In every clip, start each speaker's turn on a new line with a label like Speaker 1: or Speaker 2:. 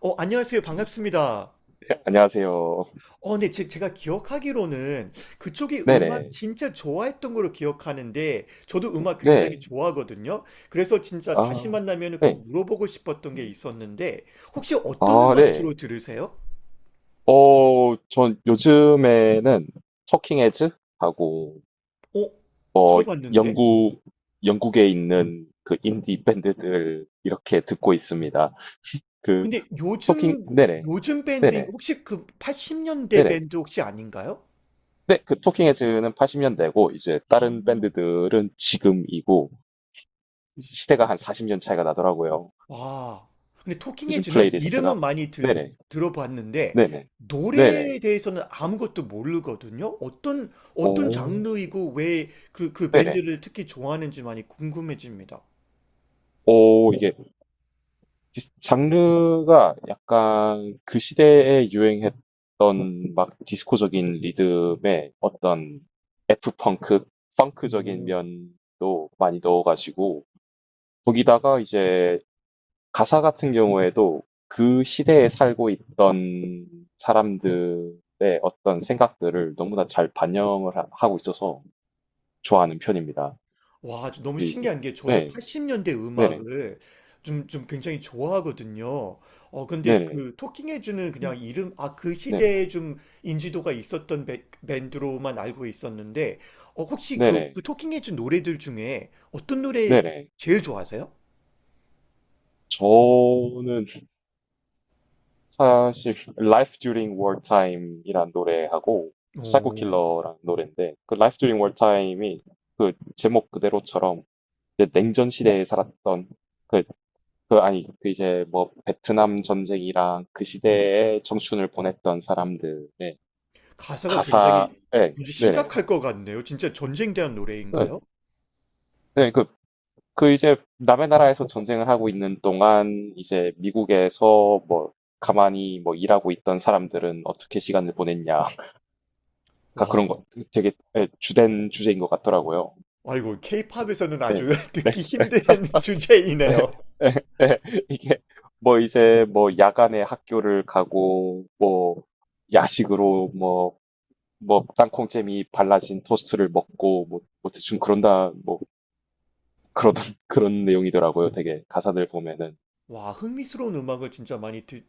Speaker 1: 안녕하세요.
Speaker 2: 네,
Speaker 1: 반갑습니다.
Speaker 2: 안녕하세요.
Speaker 1: 네. 제가 기억하기로는 그쪽이 음악
Speaker 2: 네네.
Speaker 1: 진짜 좋아했던 걸로 기억하는데, 저도 음악 굉장히
Speaker 2: 네.
Speaker 1: 좋아하거든요. 그래서 진짜 다시
Speaker 2: 아,
Speaker 1: 만나면
Speaker 2: 네.
Speaker 1: 꼭 물어보고 싶었던 게 있었는데, 혹시 어떤
Speaker 2: 아,
Speaker 1: 음악
Speaker 2: 네.
Speaker 1: 주로 들으세요?
Speaker 2: 전 요즘에는 터킹 헤즈 하고
Speaker 1: 어,
Speaker 2: 어
Speaker 1: 들어봤는데?
Speaker 2: 영국 영국에 있는 그 인디 밴드들 이렇게 듣고 있습니다. 그
Speaker 1: 근데
Speaker 2: 토킹,
Speaker 1: 요즘,
Speaker 2: 네네.
Speaker 1: 요즘 밴드인,
Speaker 2: 네네.
Speaker 1: 혹시 그 80년대
Speaker 2: 네네.
Speaker 1: 밴드 혹시 아닌가요?
Speaker 2: 네, 그 토킹 헤즈는 80년대고 이제 다른 밴드들은 지금이고, 시대가 한 40년 차이가 나더라고요.
Speaker 1: 와. 근데 토킹
Speaker 2: 요즘
Speaker 1: 헤즈는
Speaker 2: 플레이리스트가.
Speaker 1: 이름은 많이
Speaker 2: 네네.
Speaker 1: 들어봤는데
Speaker 2: 네네. 네네.
Speaker 1: 노래에 대해서는 아무것도 모르거든요. 어떤
Speaker 2: 오,
Speaker 1: 장르이고 왜 그
Speaker 2: 네네.
Speaker 1: 밴드를 특히 좋아하는지 많이 궁금해집니다.
Speaker 2: 오, 이게 장르가 약간 그 시대에 유행했던 막 디스코적인 리듬에 어떤 F펑크, 펑크적인 면도 많이 넣어가지고, 거기다가 이제 가사 같은 경우에도 그 시대에 살고 있던 사람들의 어떤 생각들을 너무나 잘 반영을 하고 있어서 좋아하는 편입니다.
Speaker 1: 와, 저 너무
Speaker 2: 그리고,
Speaker 1: 신기한 게 저도
Speaker 2: 네,
Speaker 1: 80년대
Speaker 2: 네네,
Speaker 1: 음악을 좀 굉장히 좋아하거든요. 근데
Speaker 2: 네네,
Speaker 1: 그 토킹 헤즈는 그냥
Speaker 2: 음,
Speaker 1: 이름, 아, 그
Speaker 2: 네네.
Speaker 1: 시대에 좀 인지도가 있었던 밴드로만 알고 있었는데, 혹시 그,
Speaker 2: 네네.
Speaker 1: 그 토킹 헤즈 노래들 중에 어떤 노래
Speaker 2: 네네.
Speaker 1: 제일 좋아하세요?
Speaker 2: 저는 사실 Life During Wartime이란 노래하고 사이코
Speaker 1: 오,
Speaker 2: 킬러라는 노래인데, 그 Life During Wartime이 그 제목 그대로처럼 이제 냉전 시대에 살았던, 그, 그 아니 그 이제 뭐 베트남 전쟁이랑 그 시대에 청춘을 보냈던 사람들의
Speaker 1: 가사가 굉장히
Speaker 2: 가사에.
Speaker 1: 굉장히
Speaker 2: 네네.
Speaker 1: 심각할 것 같네요. 진짜 전쟁 대한
Speaker 2: 네,
Speaker 1: 노래인가요?
Speaker 2: 네, 그 그 이제 남의 나라에서 전쟁을 하고 있는 동안, 이제 미국에서 뭐 가만히 뭐 일하고 있던 사람들은 어떻게 시간을 보냈냐, 가
Speaker 1: 와,
Speaker 2: 그런 거, 되게 예, 주된 주제인 것 같더라고요.
Speaker 1: 아이고, 케이팝에서는
Speaker 2: 네.
Speaker 1: 아주
Speaker 2: 네.
Speaker 1: 듣기 힘든
Speaker 2: 네.
Speaker 1: 주제이네요.
Speaker 2: 네. 네. 이게 뭐 이제 뭐 야간에 학교를 가고, 뭐 야식으로 뭐, 뭐 땅콩잼이 발라진 토스트를 먹고, 뭐, 뭐 대충 그런다, 뭐 그러던 그런 내용이더라고요. 되게 가사들 보면은.
Speaker 1: 와, 흥미스러운 음악을 진짜 많이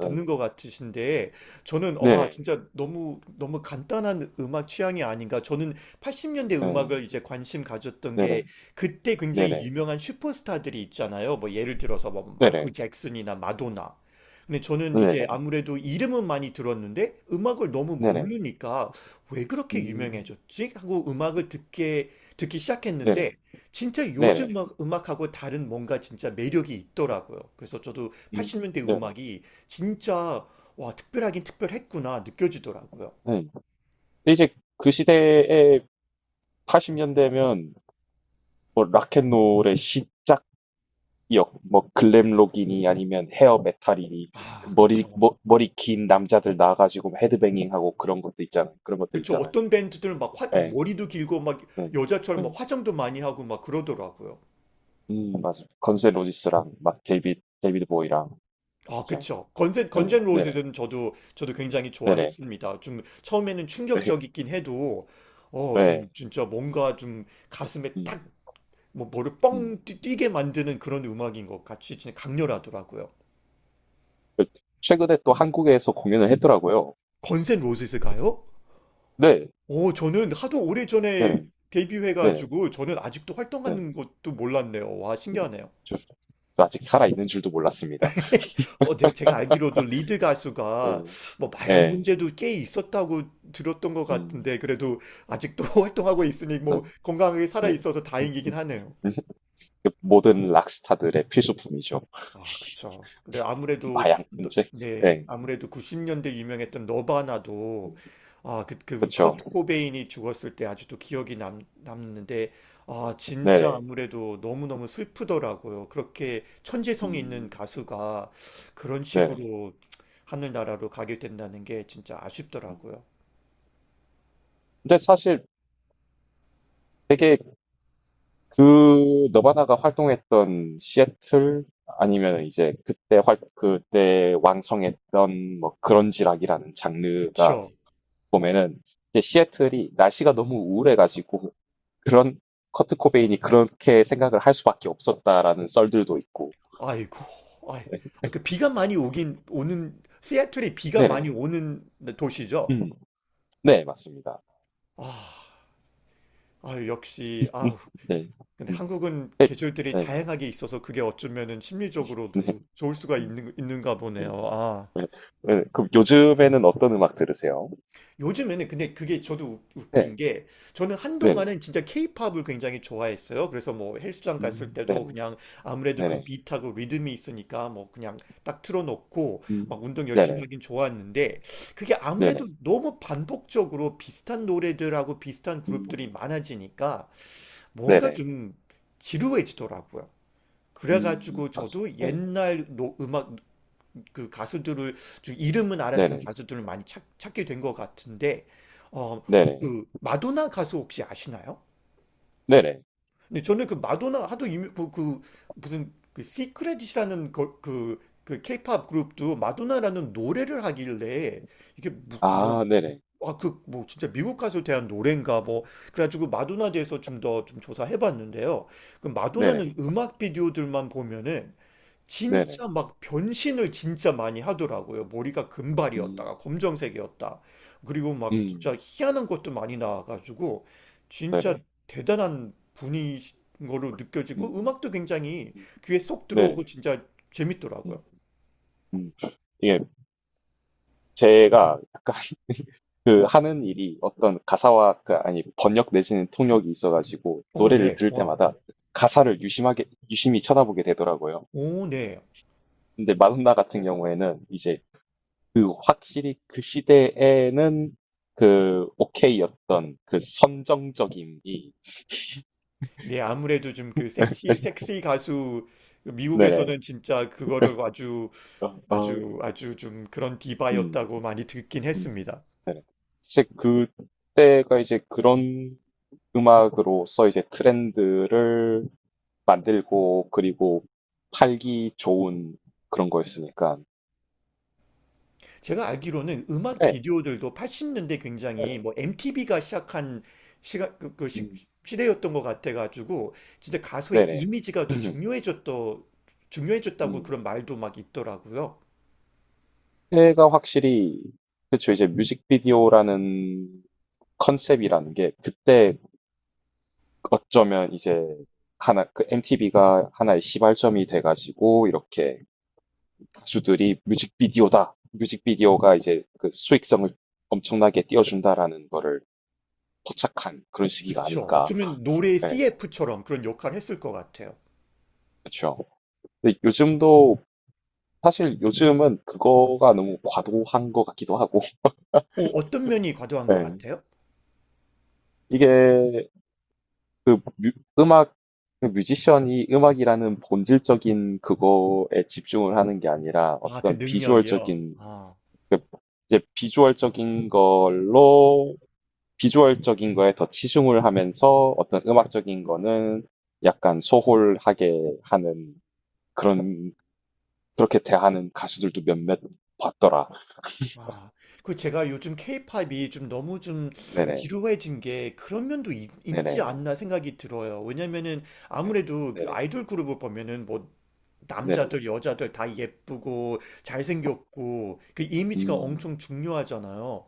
Speaker 1: 듣는
Speaker 2: 음,
Speaker 1: 것 같으신데, 저는, 와,
Speaker 2: 네.
Speaker 1: 진짜 너무, 너무 간단한 음악 취향이 아닌가. 저는 80년대
Speaker 2: 네.
Speaker 1: 음악을 이제 관심 가졌던 게,
Speaker 2: 네네.
Speaker 1: 그때 굉장히
Speaker 2: 네네.
Speaker 1: 유명한 슈퍼스타들이 있잖아요. 뭐, 예를 들어서 뭐, 마이클
Speaker 2: 네네.
Speaker 1: 잭슨이나 마도나. 근데 저는 이제
Speaker 2: 네네.
Speaker 1: 아무래도 이름은 많이 들었는데, 음악을 너무
Speaker 2: 네네.
Speaker 1: 모르니까, 왜 그렇게
Speaker 2: 음.
Speaker 1: 유명해졌지? 하고 음악을 듣기
Speaker 2: 네네.
Speaker 1: 시작했는데, 진짜 요즘
Speaker 2: 네네.
Speaker 1: 막 음악하고 다른 뭔가 진짜 매력이 있더라고요. 그래서 저도
Speaker 2: 음.
Speaker 1: 80년대
Speaker 2: 네네.
Speaker 1: 음악이 진짜 와, 특별하긴 특별했구나 느껴지더라고요.
Speaker 2: 네. 근데 이제 그 시대에 80년대면 뭐 락앤롤의 시작역, 뭐 글램록이니 아니면 헤어 메탈이니,
Speaker 1: 아,
Speaker 2: 그 머리
Speaker 1: 그쵸.
Speaker 2: 머, 머리 긴 남자들 나와가지고 헤드뱅잉하고 그런 것도 있잖아요. 그런 것들
Speaker 1: 그쵸.
Speaker 2: 있잖아요.
Speaker 1: 어떤 밴드들은 막
Speaker 2: 예. 네.
Speaker 1: 머리도 길고 막
Speaker 2: 네.
Speaker 1: 여자처럼
Speaker 2: 네.
Speaker 1: 막 화장도 많이 하고 막 그러더라고요.
Speaker 2: 맞아. 요 건세 로지스랑 막 데이비드 보이랑.
Speaker 1: 아,
Speaker 2: 그죠.
Speaker 1: 그쵸. 건센,
Speaker 2: 네.
Speaker 1: 건센
Speaker 2: 네네.
Speaker 1: 로제들은 저도 굉장히
Speaker 2: 네네.
Speaker 1: 좋아했습니다. 좀 처음에는
Speaker 2: 네.
Speaker 1: 충격적이긴 해도, 좀
Speaker 2: 네.
Speaker 1: 진짜 뭔가 좀 가슴에
Speaker 2: 음.
Speaker 1: 딱 뭐 머리를
Speaker 2: 음.
Speaker 1: 뻥 게 만드는 그런 음악인 것 같이 진짜 강렬하더라고요.
Speaker 2: 그 최근에 또 한국에서 공연을 했더라고요.
Speaker 1: 건센 로지스가요?
Speaker 2: 네,
Speaker 1: 오, 저는 하도 오래전에
Speaker 2: 네네, 네네,
Speaker 1: 데뷔해가지고 저는 아직도
Speaker 2: 네.
Speaker 1: 활동하는 것도 몰랐네요. 와,
Speaker 2: 음,
Speaker 1: 신기하네요.
Speaker 2: 저, 저 아직 살아있는 줄도 몰랐습니다.
Speaker 1: 제가 알기로도 리드 가수가
Speaker 2: 네,
Speaker 1: 뭐 마약
Speaker 2: 네,
Speaker 1: 문제도 꽤 있었다고 들었던 것
Speaker 2: 음,
Speaker 1: 같은데 그래도 아직도 활동하고 있으니 뭐
Speaker 2: 네,
Speaker 1: 건강하게 살아
Speaker 2: 네.
Speaker 1: 있어서 다행이긴 하네요.
Speaker 2: 모든 락스타들의 필수품이죠.
Speaker 1: 아, 그쵸. 그래, 아무래도,
Speaker 2: 마약 문제.
Speaker 1: 네,
Speaker 2: 네,
Speaker 1: 아무래도 90년대 유명했던 너바나도, 아,
Speaker 2: 그렇죠.
Speaker 1: 커트 코베인이 죽었을 때 아직도 기억이 남는데, 아, 진짜
Speaker 2: 네네,
Speaker 1: 아무래도 너무너무 슬프더라고요. 그렇게 천재성이 있는
Speaker 2: 음,
Speaker 1: 가수가 그런
Speaker 2: 네네.
Speaker 1: 식으로 하늘나라로 가게 된다는 게 진짜 아쉽더라고요.
Speaker 2: 근데 사실 되게 그 너바나가 활동했던 시애틀, 아니면 이제 그때 활, 그때 왕성했던 뭐 그런지락이라는 장르가
Speaker 1: 그쵸.
Speaker 2: 보면은 이제 시애틀이 날씨가 너무 우울해가지고, 그런 커트 코베인이 그렇게 생각을 할 수밖에 없었다라는 썰들도 있고.
Speaker 1: 아이고, 아이,
Speaker 2: 네,
Speaker 1: 아, 그 비가 많이 오는, 시애틀이 비가 많이
Speaker 2: 네네.
Speaker 1: 오는 도시죠?
Speaker 2: 음, 네, 맞습니다.
Speaker 1: 아. 아, 역시,
Speaker 2: 음,
Speaker 1: 아,
Speaker 2: 네,
Speaker 1: 근데
Speaker 2: 음,
Speaker 1: 한국은 계절들이
Speaker 2: 네,
Speaker 1: 다양하게 있어서 그게 어쩌면은
Speaker 2: 네,
Speaker 1: 심리적으로도 좋을 수가
Speaker 2: 음,
Speaker 1: 있는가
Speaker 2: 네,
Speaker 1: 보네요. 아,
Speaker 2: 네. 네, 그럼 요즘에는 어떤 음악 들으세요?
Speaker 1: 요즘에는 근데 그게 저도 웃긴
Speaker 2: 네,
Speaker 1: 게 저는
Speaker 2: 네네.
Speaker 1: 한동안은 진짜 케이팝을 굉장히 좋아했어요. 그래서 뭐 헬스장 갔을 때도
Speaker 2: 네네.
Speaker 1: 그냥 아무래도 그
Speaker 2: 네네.
Speaker 1: 비트하고 리듬이 있으니까 뭐 그냥 딱 틀어놓고
Speaker 2: 음,
Speaker 1: 막 운동 열심히
Speaker 2: 네네.
Speaker 1: 하긴 좋았는데 그게 아무래도
Speaker 2: 네네.
Speaker 1: 너무 반복적으로 비슷한 노래들하고 비슷한 그룹들이
Speaker 2: 음,
Speaker 1: 많아지니까 뭔가
Speaker 2: 네네.
Speaker 1: 좀 지루해지더라고요. 그래가지고
Speaker 2: 맞,
Speaker 1: 저도
Speaker 2: 네.
Speaker 1: 옛날 음악 그 가수들을 좀 이름은 알았던
Speaker 2: 네네.
Speaker 1: 가수들을 많이 게 된 것 같은데 어,
Speaker 2: 네네.
Speaker 1: 그 마도나 가수 혹시 아시나요?
Speaker 2: 네네.
Speaker 1: 근데 저는 그 마도나 하도 이미 그 무슨 그 시크릿이라는 그, 그 케이팝 그룹도 마도나라는 노래를 하길래 이게 뭐
Speaker 2: 아, 네네.
Speaker 1: 아, 그, 뭐, 진짜 미국 가수에 대한 노래인가, 뭐. 그래가지고 마도나 대해서 좀 더 좀 조사해봤는데요. 그
Speaker 2: 네네.
Speaker 1: 마도나는 음악 비디오들만 보면은
Speaker 2: 네네.
Speaker 1: 진짜 막 변신을 진짜 많이 하더라고요. 머리가
Speaker 2: 음,
Speaker 1: 금발이었다가 검정색이었다. 그리고 막 진짜
Speaker 2: 음.
Speaker 1: 희한한 것도 많이 나와가지고 진짜
Speaker 2: 네네.
Speaker 1: 대단한 분인 걸로 느껴지고
Speaker 2: 음.
Speaker 1: 음악도 굉장히
Speaker 2: 음.
Speaker 1: 귀에 쏙 들어오고
Speaker 2: 네네.
Speaker 1: 진짜 재밌더라고요.
Speaker 2: 음. 음. 이게 제가 약간 그 하는 일이 어떤 가사와 그 아니 번역 내지는 통역이 있어가지고,
Speaker 1: 어,
Speaker 2: 노래를
Speaker 1: 네.
Speaker 2: 들을
Speaker 1: 와.
Speaker 2: 때마다 가사를 유심하게 유심히 쳐다보게 되더라고요.
Speaker 1: 오, 네.
Speaker 2: 근데 마돈나 같은 경우에는 이제 그 확실히 그 시대에는 그 오케이였던 그 선정적임이.
Speaker 1: 네, 아무래도 좀 그 섹시 가수
Speaker 2: 네네.
Speaker 1: 미국에서는 진짜 그거를 아주
Speaker 2: 어, 어,
Speaker 1: 아주 아주 좀 그런
Speaker 2: 음.
Speaker 1: 디바였다고 많이 듣긴
Speaker 2: 음,
Speaker 1: 했습니다.
Speaker 2: 네네. 사실 그때가 이제 그런 음악으로서 이제 트렌드를 만들고, 그리고 팔기 좋은 그런 거였으니까.
Speaker 1: 제가 알기로는 음악
Speaker 2: 네,
Speaker 1: 비디오들도 80년대 굉장히
Speaker 2: 네네.
Speaker 1: 뭐 MTV가 시작한 시가 그, 그 시,
Speaker 2: 음,
Speaker 1: 시대였던 것 같아가지고 진짜 가수의
Speaker 2: 네네.
Speaker 1: 이미지가 더 중요해졌더 중요해졌다고
Speaker 2: 음.
Speaker 1: 그런 말도 막 있더라고요.
Speaker 2: 때가 확실히 그쵸, 이제 뮤직비디오라는 컨셉이라는 게 그때 어쩌면 이제 하나, 그 MTV가 하나의 시발점이 돼가지고 이렇게 가수들이 뮤직비디오다, 뮤직비디오가 이제 그 수익성을 엄청나게 띄워준다라는 거를 포착한 그런 시기가
Speaker 1: 그쵸?
Speaker 2: 아닐까.
Speaker 1: 어쩌면 노래의
Speaker 2: 네,
Speaker 1: CF처럼 그런 역할을 했을 것 같아요.
Speaker 2: 그렇죠. 근데 요즘도 사실 요즘은 그거가 너무 과도한 것 같기도 하고.
Speaker 1: 어떤 면이 과도한 것
Speaker 2: 네.
Speaker 1: 같아요?
Speaker 2: 이게 그 음악, 그 뮤지션이 음악이라는 본질적인 그거에 집중을 하는 게 아니라
Speaker 1: 아, 그
Speaker 2: 어떤
Speaker 1: 능력이요.
Speaker 2: 비주얼적인
Speaker 1: 아,
Speaker 2: 그 이제 비주얼적인 걸로, 비주얼적인 거에 더 치중을 하면서 어떤 음악적인 거는 약간 소홀하게 하는 그런, 그렇게 대하는 가수들도 몇몇 봤더라.
Speaker 1: 아, 그 제가 요즘 케이팝이 좀 너무 좀
Speaker 2: 네네,
Speaker 1: 지루해진 게 그런 면도 지
Speaker 2: 네네,
Speaker 1: 않나 생각이 들어요. 왜냐면은
Speaker 2: 네,
Speaker 1: 아무래도 그
Speaker 2: 네네,
Speaker 1: 아이돌 그룹을 보면은 뭐
Speaker 2: 네네.
Speaker 1: 남자들, 여자들 다 예쁘고 잘생겼고 그 이미지가
Speaker 2: 음,
Speaker 1: 엄청 중요하잖아요.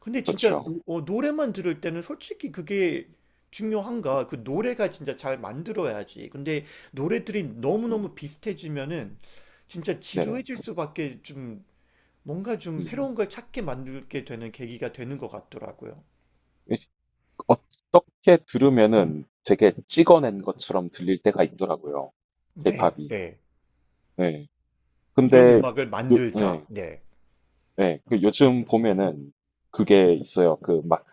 Speaker 1: 근데 진짜
Speaker 2: 그렇죠.
Speaker 1: 노래만 들을 때는 솔직히 그게 중요한가? 그 노래가 진짜 잘 만들어야지. 근데 노래들이
Speaker 2: 음,
Speaker 1: 너무너무 비슷해지면은 진짜
Speaker 2: 네네.
Speaker 1: 지루해질 수밖에 좀 뭔가 좀
Speaker 2: 음.
Speaker 1: 새로운 걸 찾게 만들게 되는 계기가 되는 것 같더라고요.
Speaker 2: 이- 어떻게 들으면은 되게 찍어낸 것처럼 들릴 때가 있더라고요.
Speaker 1: 네,
Speaker 2: 케이팝이.
Speaker 1: 네.
Speaker 2: 네.
Speaker 1: 이런
Speaker 2: 근데
Speaker 1: 음악을
Speaker 2: 요,
Speaker 1: 만들자.
Speaker 2: 네,
Speaker 1: 네.
Speaker 2: 네. 그 요즘 보면은 그게 있어요. 그막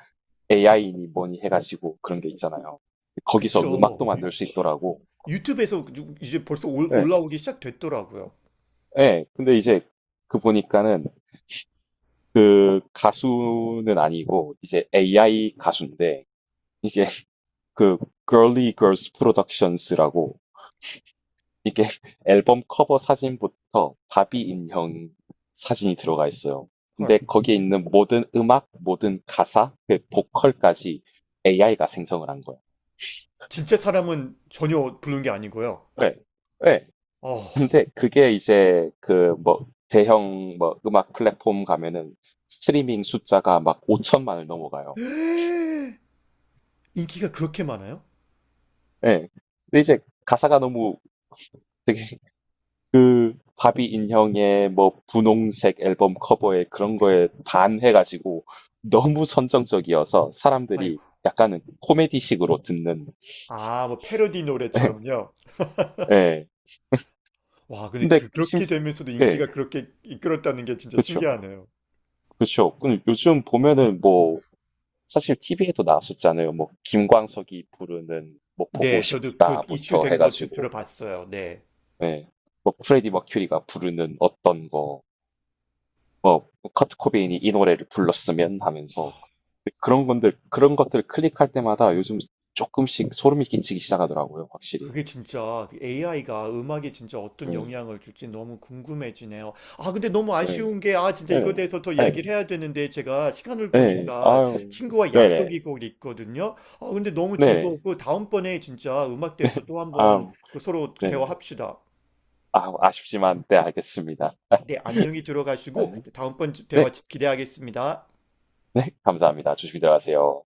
Speaker 2: AI니 뭐니 해가지고 그런 게 있잖아요. 거기서 음악도
Speaker 1: 그쵸.
Speaker 2: 만들 수 있더라고.
Speaker 1: 유튜브에서 이제 벌써
Speaker 2: 네.
Speaker 1: 올라오기 시작됐더라고요.
Speaker 2: 네. 근데 이제 그 보니까는 그 가수는 아니고 이제 AI 가수인데, 이게 그 Girly Girls Productions라고, 이게 앨범 커버 사진부터 바비 인형 사진이 들어가 있어요. 근데
Speaker 1: 헐.
Speaker 2: 거기에 있는 모든 음악, 모든 가사, 그 보컬까지 AI가 생성을 한 거예요.
Speaker 1: 진짜 사람은 전혀 부른 게 아니고요.
Speaker 2: 네. 네.
Speaker 1: 어.
Speaker 2: 근데 그게 이제 그 뭐 대형 뭐 음악 플랫폼 가면은 스트리밍 숫자가 막 5천만을 넘어가요.
Speaker 1: 인기가 그렇게 많아요?
Speaker 2: 예. 근데 이제 가사가 너무 되게 그 바비 인형의 뭐 분홍색 앨범 커버에 그런 거에 반해가지고 너무 선정적이어서 사람들이
Speaker 1: 아이고.
Speaker 2: 약간은 코미디식으로 듣는.
Speaker 1: 아, 뭐 패러디 노래처럼요.
Speaker 2: 예.
Speaker 1: 와, 근데
Speaker 2: 근데
Speaker 1: 그,
Speaker 2: 심,
Speaker 1: 그렇게 되면서도 인기가
Speaker 2: 예.
Speaker 1: 그렇게 이끌었다는 게 진짜
Speaker 2: 그쵸.
Speaker 1: 신기하네요.
Speaker 2: 그쵸. 근데 요즘 보면은 뭐 사실 TV에도 나왔었잖아요. 뭐 김광석이 부르는 뭐 보고
Speaker 1: 네, 저도 그 이슈
Speaker 2: 싶다부터
Speaker 1: 된 거
Speaker 2: 해가지고,
Speaker 1: 들어봤어요. 네.
Speaker 2: 예, 뭐 프레디 머큐리가 부르는 어떤 거, 커트 코베인이 이 노래를 불렀으면 하면서, 그런 건들 그런 것들을 클릭할 때마다 요즘 조금씩 소름이 끼치기 시작하더라고요, 확실히.
Speaker 1: 그게 진짜 AI가 음악에 진짜 어떤
Speaker 2: 예,
Speaker 1: 영향을 줄지 너무 궁금해지네요. 아, 근데 너무
Speaker 2: 예,
Speaker 1: 아쉬운 게, 아, 진짜 이거에
Speaker 2: 네네,
Speaker 1: 대해서 더
Speaker 2: 예,
Speaker 1: 이야기를 해야 되는데, 제가 시간을
Speaker 2: 예,
Speaker 1: 보니까
Speaker 2: 아유,
Speaker 1: 친구와
Speaker 2: 네네,
Speaker 1: 약속이 곧 있거든요. 아, 근데 너무
Speaker 2: 네네,
Speaker 1: 즐거웠고, 다음번에 진짜 음악 대해서 또 한번
Speaker 2: 아유,
Speaker 1: 그 서로
Speaker 2: 네네,
Speaker 1: 대화합시다.
Speaker 2: 아, 아쉽지만, 네, 알겠습니다.
Speaker 1: 네, 안녕히
Speaker 2: 네,
Speaker 1: 들어가시고, 다음번 대화
Speaker 2: 네,
Speaker 1: 기대하겠습니다.
Speaker 2: 네, 감사합니다. 조심히 들어가세요.